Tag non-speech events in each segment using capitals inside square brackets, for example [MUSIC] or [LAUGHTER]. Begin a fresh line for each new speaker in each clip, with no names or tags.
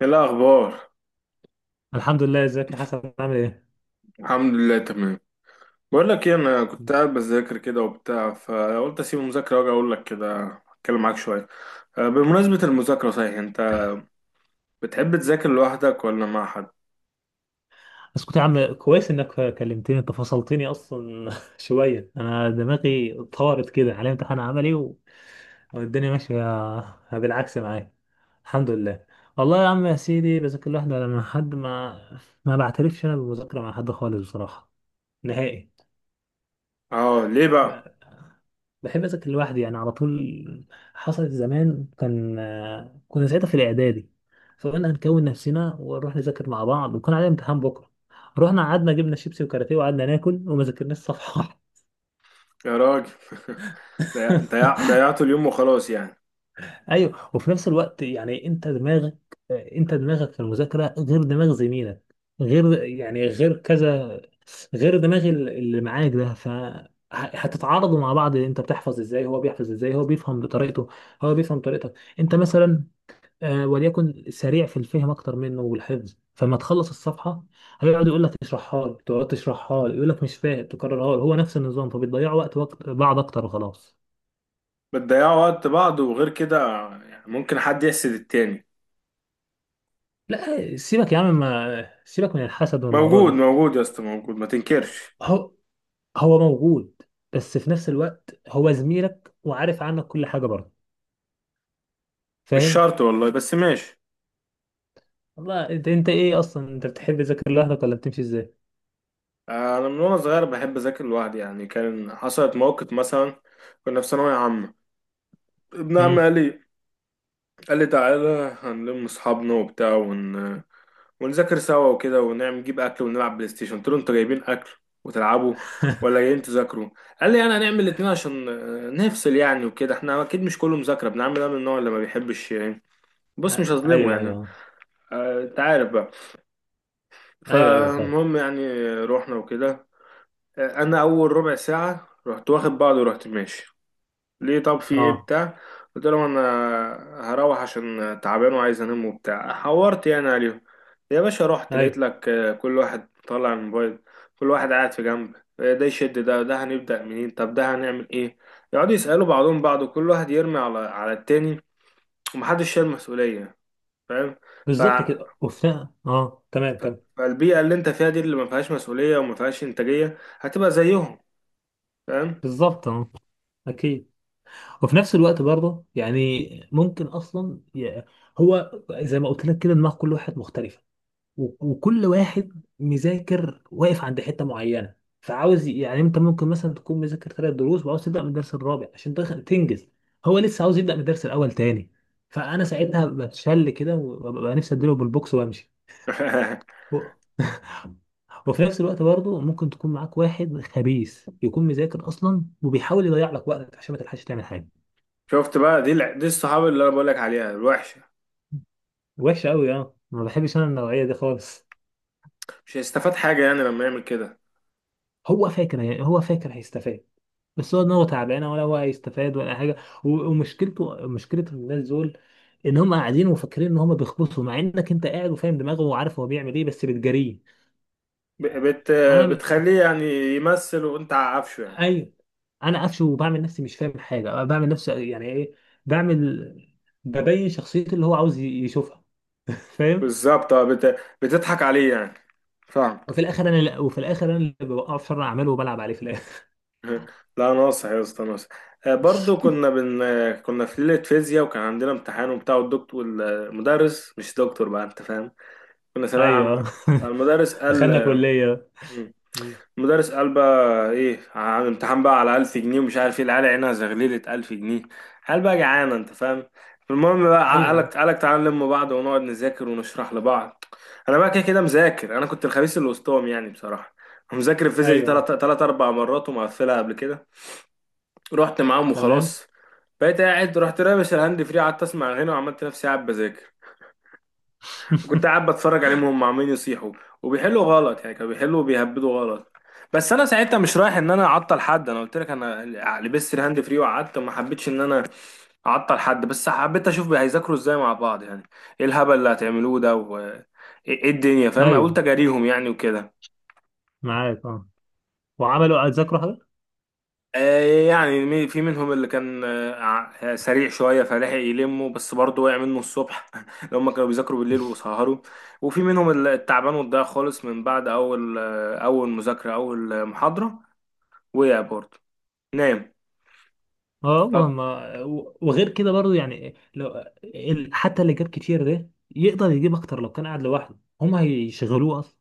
ايه الاخبار؟
الحمد لله. ازيك يا حسن؟ عامل ايه؟
الحمد لله تمام. بقول لك ايه، انا كنت قاعد بذاكر كده وبتاع، فقلت اسيب المذاكره واجي اقول لك كده، اتكلم معاك شويه. بمناسبه المذاكره، صحيح انت بتحب تذاكر لوحدك ولا مع حد؟
بس كنت يا عم كويس انك كلمتني. انت فصلتني اصلا [LAUGHS] شويه. انا دماغي طارت كده على امتحان عملي والدنيا ماشيه بالعكس معايا الحمد لله. والله يا عم يا سيدي بذاكر لوحدي ولا مع حد. ما بعترفش انا بالمذاكره مع حد خالص بصراحه. نهائي.
اه ليه بقى؟
بحب اذاكر لوحدي يعني على طول. حصلت زمان. كان آه، كنا ساعتها في الاعدادي. فقلنا هنكون نفسنا ونروح نذاكر مع بعض وكان علينا امتحان بكره. رحنا قعدنا جبنا شيبسي وكاراتيه وقعدنا ناكل وما ذاكرناش صفحه واحدة.
يا راجل [LAUGHS]
[LAUGHS]
ضيعتوا اليوم وخلاص يعني.
ايوه. وفي نفس الوقت يعني انت دماغك في المذاكره غير دماغ زميلك. غير يعني غير كذا. غير دماغ اللي معاك ده. ف هتتعارضوا مع بعض. انت بتحفظ ازاي، هو بيحفظ ازاي. هو بيفهم بطريقته. هو بيفهم طريقتك. انت مثلا وليكن سريع في الفهم اكتر منه والحفظ. فما تخلص الصفحه هيقعد يقول لك اشرحها لي. تقعد تشرحها لي يقول لك مش فاهم. تكررها لي هو نفس النظام. فبتضيعوا وقت بعض اكتر وخلاص.
بتضيعوا وقت بعض، وغير كده يعني ممكن حد يحسد التاني.
لا سيبك يا عم، ما سيبك من الحسد والموضوع
موجود
ده.
موجود يا اسطى، موجود، ما تنكرش.
هو هو موجود. بس في نفس الوقت هو زميلك وعارف عنك كل حاجه برضه.
مش
فاهم.
شرط والله، بس ماشي.
والله انت ايه اصلا؟ انت بتحب تذاكر لوحدك ولا بتمشي ازاي؟
انا من وانا صغير بحب اذاكر لوحدي يعني. كان حصلت موقف مثلا، كنا في ثانويه عامه. ابن عمي
امم.
قال لي، قال لي تعالى هنلم اصحابنا وبتاع ونذاكر سوا وكده، ونعمل نجيب اكل ونلعب بلاي ستيشن. قلت له انتوا جايبين اكل وتلعبوا ولا جايين تذاكروا؟ قال لي انا هنعمل الاتنين عشان نفصل يعني وكده، احنا اكيد مش كله مذاكره. ابن عمي ده من النوع اللي ما بيحبش يعني، بص مش
آه.
هظلمه
ايوه
يعني.
ايوه
انت عارف بقى.
ايوه ايوه. فعلا.
فالمهم يعني، رحنا وكده. انا اول ربع ساعه رحت واخد بعضي ورحت ماشي. ليه؟ طب في ايه؟
اه.
بتاع، قلت لهم انا هروح عشان تعبان وعايز انام وبتاع، حورت يعني عليهم. يا باشا رحت لقيت
ايوه
لك كل واحد طالع الموبايل، كل واحد قاعد في جنب. ده يشد ده، ده هنبدأ منين، طب ده هنعمل ايه، يقعدوا يسألوا بعضهم بعض وكل واحد يرمي على التاني ومحدش شايل مسؤولية. فاهم؟ ف...
بالظبط كده. وفي تمام. كمل.
فالبيئة اللي انت فيها دي، اللي ما فيهاش مسؤولية وما فيهاش انتاجية، هتبقى زيهم. فاهم؟
بالظبط. اه اكيد. وفي نفس الوقت برضه يعني ممكن اصلا هو زي ما قلت لك كده. دماغ كل واحد مختلفه. وكل واحد مذاكر واقف عند حته معينه. فعاوز يعني انت ممكن مثلا تكون مذاكر ثلاث دروس وعاوز تبدا من الدرس الرابع عشان تنجز. هو لسه عاوز يبدا من الدرس الاول تاني. فانا ساعتها بتشل كده وببقى نفسي اديله بالبوكس وامشي.
[LAUGHS]
و- وفي نفس الوقت برضه ممكن تكون معاك واحد خبيث يكون مذاكر اصلا وبيحاول يضيع لك وقتك عشان ما تلحقش تعمل حاجه.
شفت بقى، دي الصحاب اللي انا بقول لك عليها الوحشه.
وحشة أوي. أه. ما بحبش أنا النوعية دي خالص.
مش هيستفاد حاجه يعني لما يعمل كده.
هو فاكر هيستفاد. بس هو دماغه تعبانة، ولا هو هيستفاد ولا حاجة. ومشكلته مشكلة الناس دول، إن هم قاعدين وفاكرين إن هم بيخبطوا، مع إنك أنت قاعد وفاهم دماغه وعارف هو بيعمل إيه، بس بتجاريه.
ب- بت
أنا ب...
بتخليه يعني يمثل وانت عارفه يعني.
أيوه. أنا قفشه وبعمل نفسي مش فاهم حاجة. بعمل نفسي يعني إيه. بعمل ببين شخصيته اللي هو عاوز يشوفها. [LAUGHS] فاهم؟
بالظبط، اه، بتضحك عليه يعني. فاهم؟
وفي الآخر أنا اللي بوقعه في شر أعماله وبلعب عليه في الآخر.
[LAUGHS] لا، ناصح يا اسطى، ناصح. برضو كنا بن كنا في ليله فيزياء وكان عندنا امتحان وبتاع، والدكتور والمدرس، مش دكتور بقى، انت فاهم، كنا ثانويه
ايوه.
عامه.
[LAUGHS]
المدرس قال،
دخلنا كلية. م.
مدرس قال بقى ايه، عامل امتحان بقى على 1000 جنيه. ومش عارف ايه، العيال عينها زغللت، 1000 جنيه، قال بقى جعانه، انت فاهم. المهم بقى،
ايوه
قالك قالك تعالى نلم بعض ونقعد نذاكر ونشرح لبعض. انا بقى كده كده مذاكر، انا كنت الخبيث اللي وسطهم يعني بصراحه. مذاكر الفيزياء دي
ايوه.
تلات اربع مرات ومقفلها قبل كده. رحت معاهم
تمام.
وخلاص. بقيت قاعد، رحت رامش الهاند فري، قعدت اسمع هنا وعملت نفسي قاعد بذاكر. وكنت
[LAUGHS]
قاعد بتفرج عليهم وهم عمالين يصيحوا وبيحلوا غلط. يعني كانوا بيحلوا وبيهبدوا غلط، بس انا ساعتها مش رايح ان انا اعطل حد، انا قلت لك، انا لبست الهاند فري وقعدت، ما حبيتش ان انا اعطل حد، بس حبيت اشوف هيذاكروا ازاي مع بعض يعني، ايه الهبل اللي هتعملوه ده وايه الدنيا، فاهم، قلت
ايوه.
اجاريهم يعني وكده.
معاك. اه. وعملوا اتذكروا حاجة؟
يعني في منهم اللي كان سريع شوية، فلحق يلمه، بس برضه وقع منه الصبح. [LAUGHS] لو هم كانوا بيذاكروا بالليل وسهروا. وفي منهم اللي التعبان والضايع خالص من بعد أول أول مذاكرة، أول محاضرة وقع برضه، نام.
[LAUGHS] اه. وغير كده برضو يعني لو حتى اللي جاب كتير ده يقدر يجيب اكتر لو كان قاعد لوحده. هم هيشغلوه اصلا.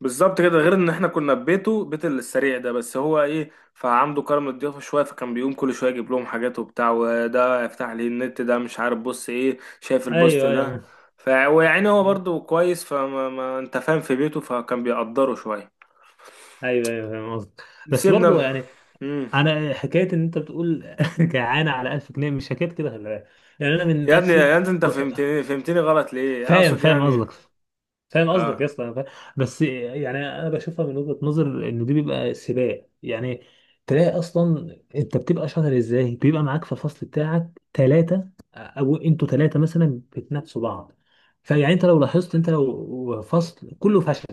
بالظبط كده. غير ان احنا كنا في بيته، بيت السريع ده، بس هو ايه، فعنده كرم الضيافه شويه، فكان بيقوم كل شويه يجيب لهم حاجات وبتاع، وده يفتح لي النت، ده مش عارف بص ايه، شايف البوست
ايوه ايوه.
ده.
[LAUGHS]
ف ويعني هو
م.
برضو كويس، فما ما انت فاهم، في بيته، فكان بيقدره شويه.
ايوه ايوه. فاهم قصدك. بس
سيبنا
برضو
ب...
يعني
مم.
انا حكايه ان انت بتقول [LAUGHS] جعانه على 1000 جنيه مش حكايه كده، خلي بالك. يعني انا من
يا ابني
نفسي.
يا ابني، انت
ك-
فهمتني فهمتني غلط ليه؟
فاهم
اقصد
فاهم
يعني،
قصدك. فاهم قصدك يا
اه.
اسطى، أنا فاهم. بس يعني انا بشوفها من وجهة نظر ان دي بيبقى سباق يعني. تلاقي اصلا انت بتبقى شاطر ازاي، بيبقى معاك في الفصل بتاعك ثلاثة، او انتوا ثلاثة مثلا بتنافسوا بعض. فيعني انت لو فصل كله فشل،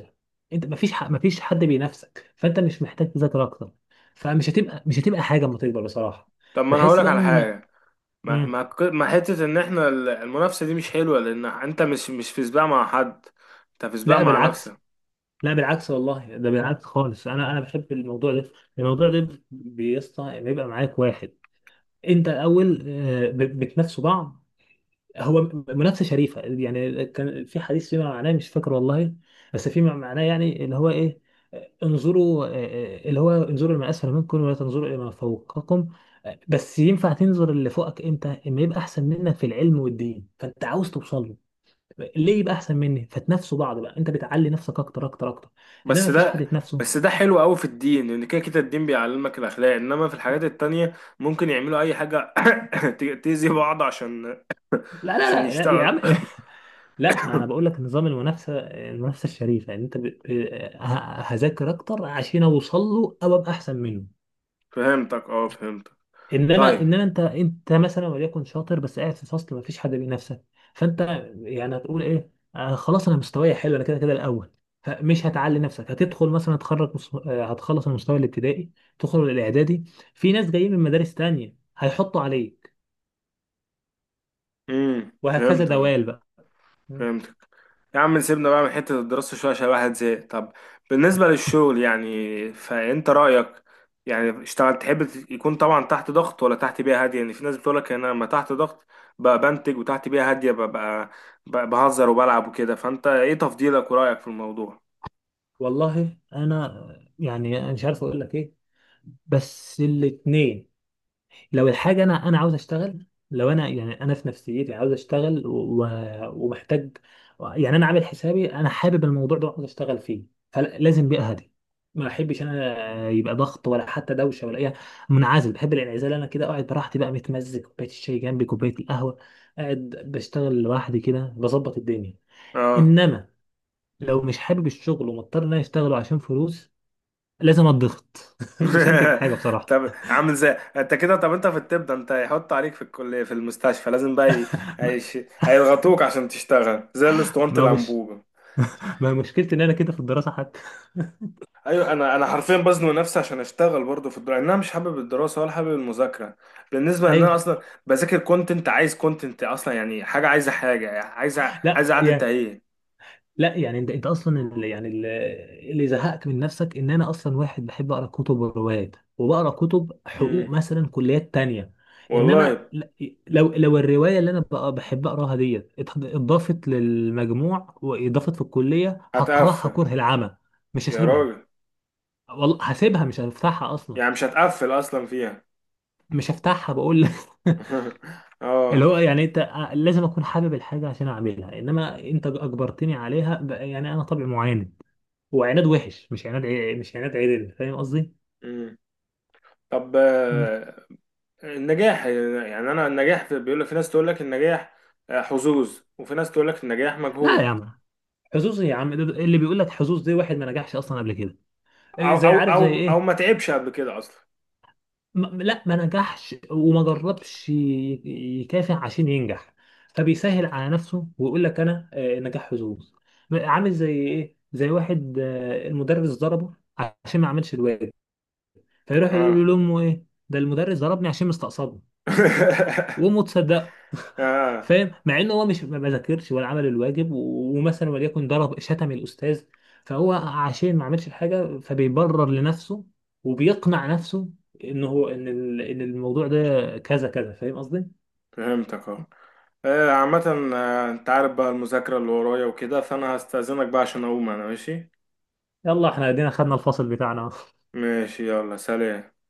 انت مفيش حد بينافسك. فانت مش محتاج تذاكر اكتر. فمش هتبقى مش هتبقى حاجة لما تكبر بصراحة.
طب ما انا
بحس
هقولك
بقى
على
ان
حاجه. ما
مم.
ما ما حته ان احنا المنافسه دي مش حلوه، لان انت مش في سباق مع حد، انت في سباق
لا
مع
بالعكس.
نفسك.
لا بالعكس والله، ده بالعكس خالص. انا بحب الموضوع ده. الموضوع ده بيسطى بيبقى معاك واحد. انت الاول بتنافسوا بعض. هو منافسه شريفه. يعني كان في حديث فيما معناه، مش فاكر والله، بس فيما معناه يعني اللي هو ايه. آه، انظروا آه، آه، اللي هو انظروا لما اسفل منكم ولا تنظروا الى ما فوقكم. بس ينفع تنظر اللي فوقك امتى؟ اما يبقى احسن منك في العلم والدين فانت عاوز توصل له. ليه يبقى احسن مني؟ فتنافسوا بعض بقى. انت بتعلي نفسك اكتر اكتر اكتر. انما
بس
مفيش حد
ده
يتنافسه.
بس ده حلو قوي في الدين، لان كده كده الدين بيعلمك الاخلاق، انما في الحاجات التانية ممكن يعملوا اي حاجة [COUGHS] تأذي بعض عشان،
لا لا
عشان
لا لا يا
يشتغل.
عم. [LAUGHS] لا انا بقول لك نظام المنافسه الشريفه. ان انت ب... آه، ه- هذاكر اكتر عشان اوصل له او ابقى احسن منه.
[COUGHS] فهمتك، اه فهمتك.
انما
طيب.
انما انت انت مثلا وليكن شاطر بس قاعد في فصل ما فيش حد بينافسك. فانت يعني هتقول ايه؟ خلاص انا مستواي حلو. انا كده كده الاول. فمش هتعلي نفسك. هتدخل مثلا. تخرج مس- آه، هتخلص المستوى الابتدائي. تدخل الاعدادي. في ناس جايين من مدارس تانية هيحطوا عليك.
امم،
وهكذا
فهمتك.
دوال بقى. مم.
فهمتك. يا عم سيبنا بقى من حتة الدراسة شوية، عشان الواحد زهق. طب بالنسبة للشغل يعني، فأنت رأيك؟ يعني اشتغل، تحب يكون طبعا تحت ضغط ولا تحت بيئة هادية؟ يعني في ناس بتقولك أنا لما تحت ضغط بقى بنتج، وتحت بيئة هادية ببقى بقى بهزر وبلعب وكده. فأنت إيه تفضيلك ورأيك في الموضوع؟
والله انا يعني أنا مش عارف اقول لك ايه. بس الاتنين. لو الحاجة أنا عاوز أشتغل. لو أنا يعني أنا في نفسيتي عاوز أشتغل ومحتاج. يعني أنا عامل حسابي. أنا حابب الموضوع ده وعاوز أشتغل فيه. فلازم بيئة هادية. ما بحبش أنا يبقى ضغط ولا حتى دوشة ولا أي. منعزل. بحب الانعزال. أنا كده قاعد براحتي بقى، متمزج، كوباية الشاي جنبي، كوباية القهوة. قاعد بشتغل لوحدي كده، بظبط الدنيا.
اه.
إنما لو مش حابب الشغل ومضطر إن أنا أشتغله عشان فلوس، لازم أتضغط. [LAUGHS] مش هنتج حاجة
[LAUGHS]
بصراحة.
طب، عامل زي، انت كده، طب انت في الطب ده، انت هيحط عليك في الكلية في المستشفى، لازم بقى
ما
هيش... هيضغطوك عشان تشتغل زي الاسطوانة
ما هو مش
الأنبوبة.
ما مشكلتي ان انا كده في الدراسه حتى.
ايوه، انا حرفيا بزنق نفسي عشان اشتغل برضه في الدراسه، انا مش حابب الدراسه ولا حابب المذاكره،
[LAUGHS]
بالنسبه ان انا
ايوه.
اصلا بذاكر كونتنت، عايز كونتنت اصلا يعني، حاجه عايزه حاجه يعني عايزه،
لا
عايزه قعده
يا
تهيئ.
لا يعني انت اصلا اللي يعني اللي اللي زهقك من نفسك، ان انا اصلا واحد بحب اقرا كتب وروايات، وبقرا كتب حقوق
امم،
مثلا كليات تانية. انما
والله.
لو الروايه اللي انا بحب اقراها ديت اتضافت للمجموع واضافت في الكليه، هقراها
هتقفل؟
كره العمى. مش
يا
هسيبها.
راجل،
والله هسيبها، مش هفتحها اصلا.
يعني مش هتقفل اصلا فيها؟
مش هفتحها بقول لك. [LAUGHS]
[LAUGHS] اه.
اللي هو يعني انت لازم اكون حابب الحاجه عشان اعملها. انما انت اجبرتني عليها بقى يعني انا طبع معاند. وعناد وحش. مش عناد مش عناد عدل. فاهم قصدي؟
امم، طب.
مم.
النجاح يعني، انا النجاح بيقول لك في ناس تقول لك النجاح حظوظ، وفي ناس تقول لك النجاح
لا يا
مجهود.
عم. حظوظ يا عم، ده اللي بيقول لك حظوظ دي واحد ما نجحش اصلا قبل كده.
او
إيه؟ زي
او
عارف
او
زي
او
ايه؟
ما تعبش قبل كده اصلا.
ما لا ما نجحش وما جربش يكافح عشان ينجح. فبيسهل على نفسه ويقول لك انا نجاح حظوظ. عامل زي ايه؟ زي واحد المدرس ضربه عشان ما عملش الواجب. فيروح
اه.
يقول لامه ايه ده المدرس ضربني عشان مستقصده.
[LAUGHS]
وامه تصدقه. [LAUGHS]
اه،
فاهم؟ مع انه هو مش ما ما ذاكرش ولا عمل الواجب ومثلا وليكن ضرب شتم الاستاذ. فهو عشان ما عملش الحاجه فبيبرر لنفسه وبيقنع نفسه ان هو ان ال- ان الموضوع ده كذا كذا. فاهم قصدي؟
فهمتك، اه. عامة انت عارف بقى المذاكرة اللي ورايا وكده، فانا هستأذنك بقى عشان اقوم انا ماشي.
يلا احنا ادينا خدنا الفصل بتاعنا. [LAUGHS]
ماشي، يلا سلام.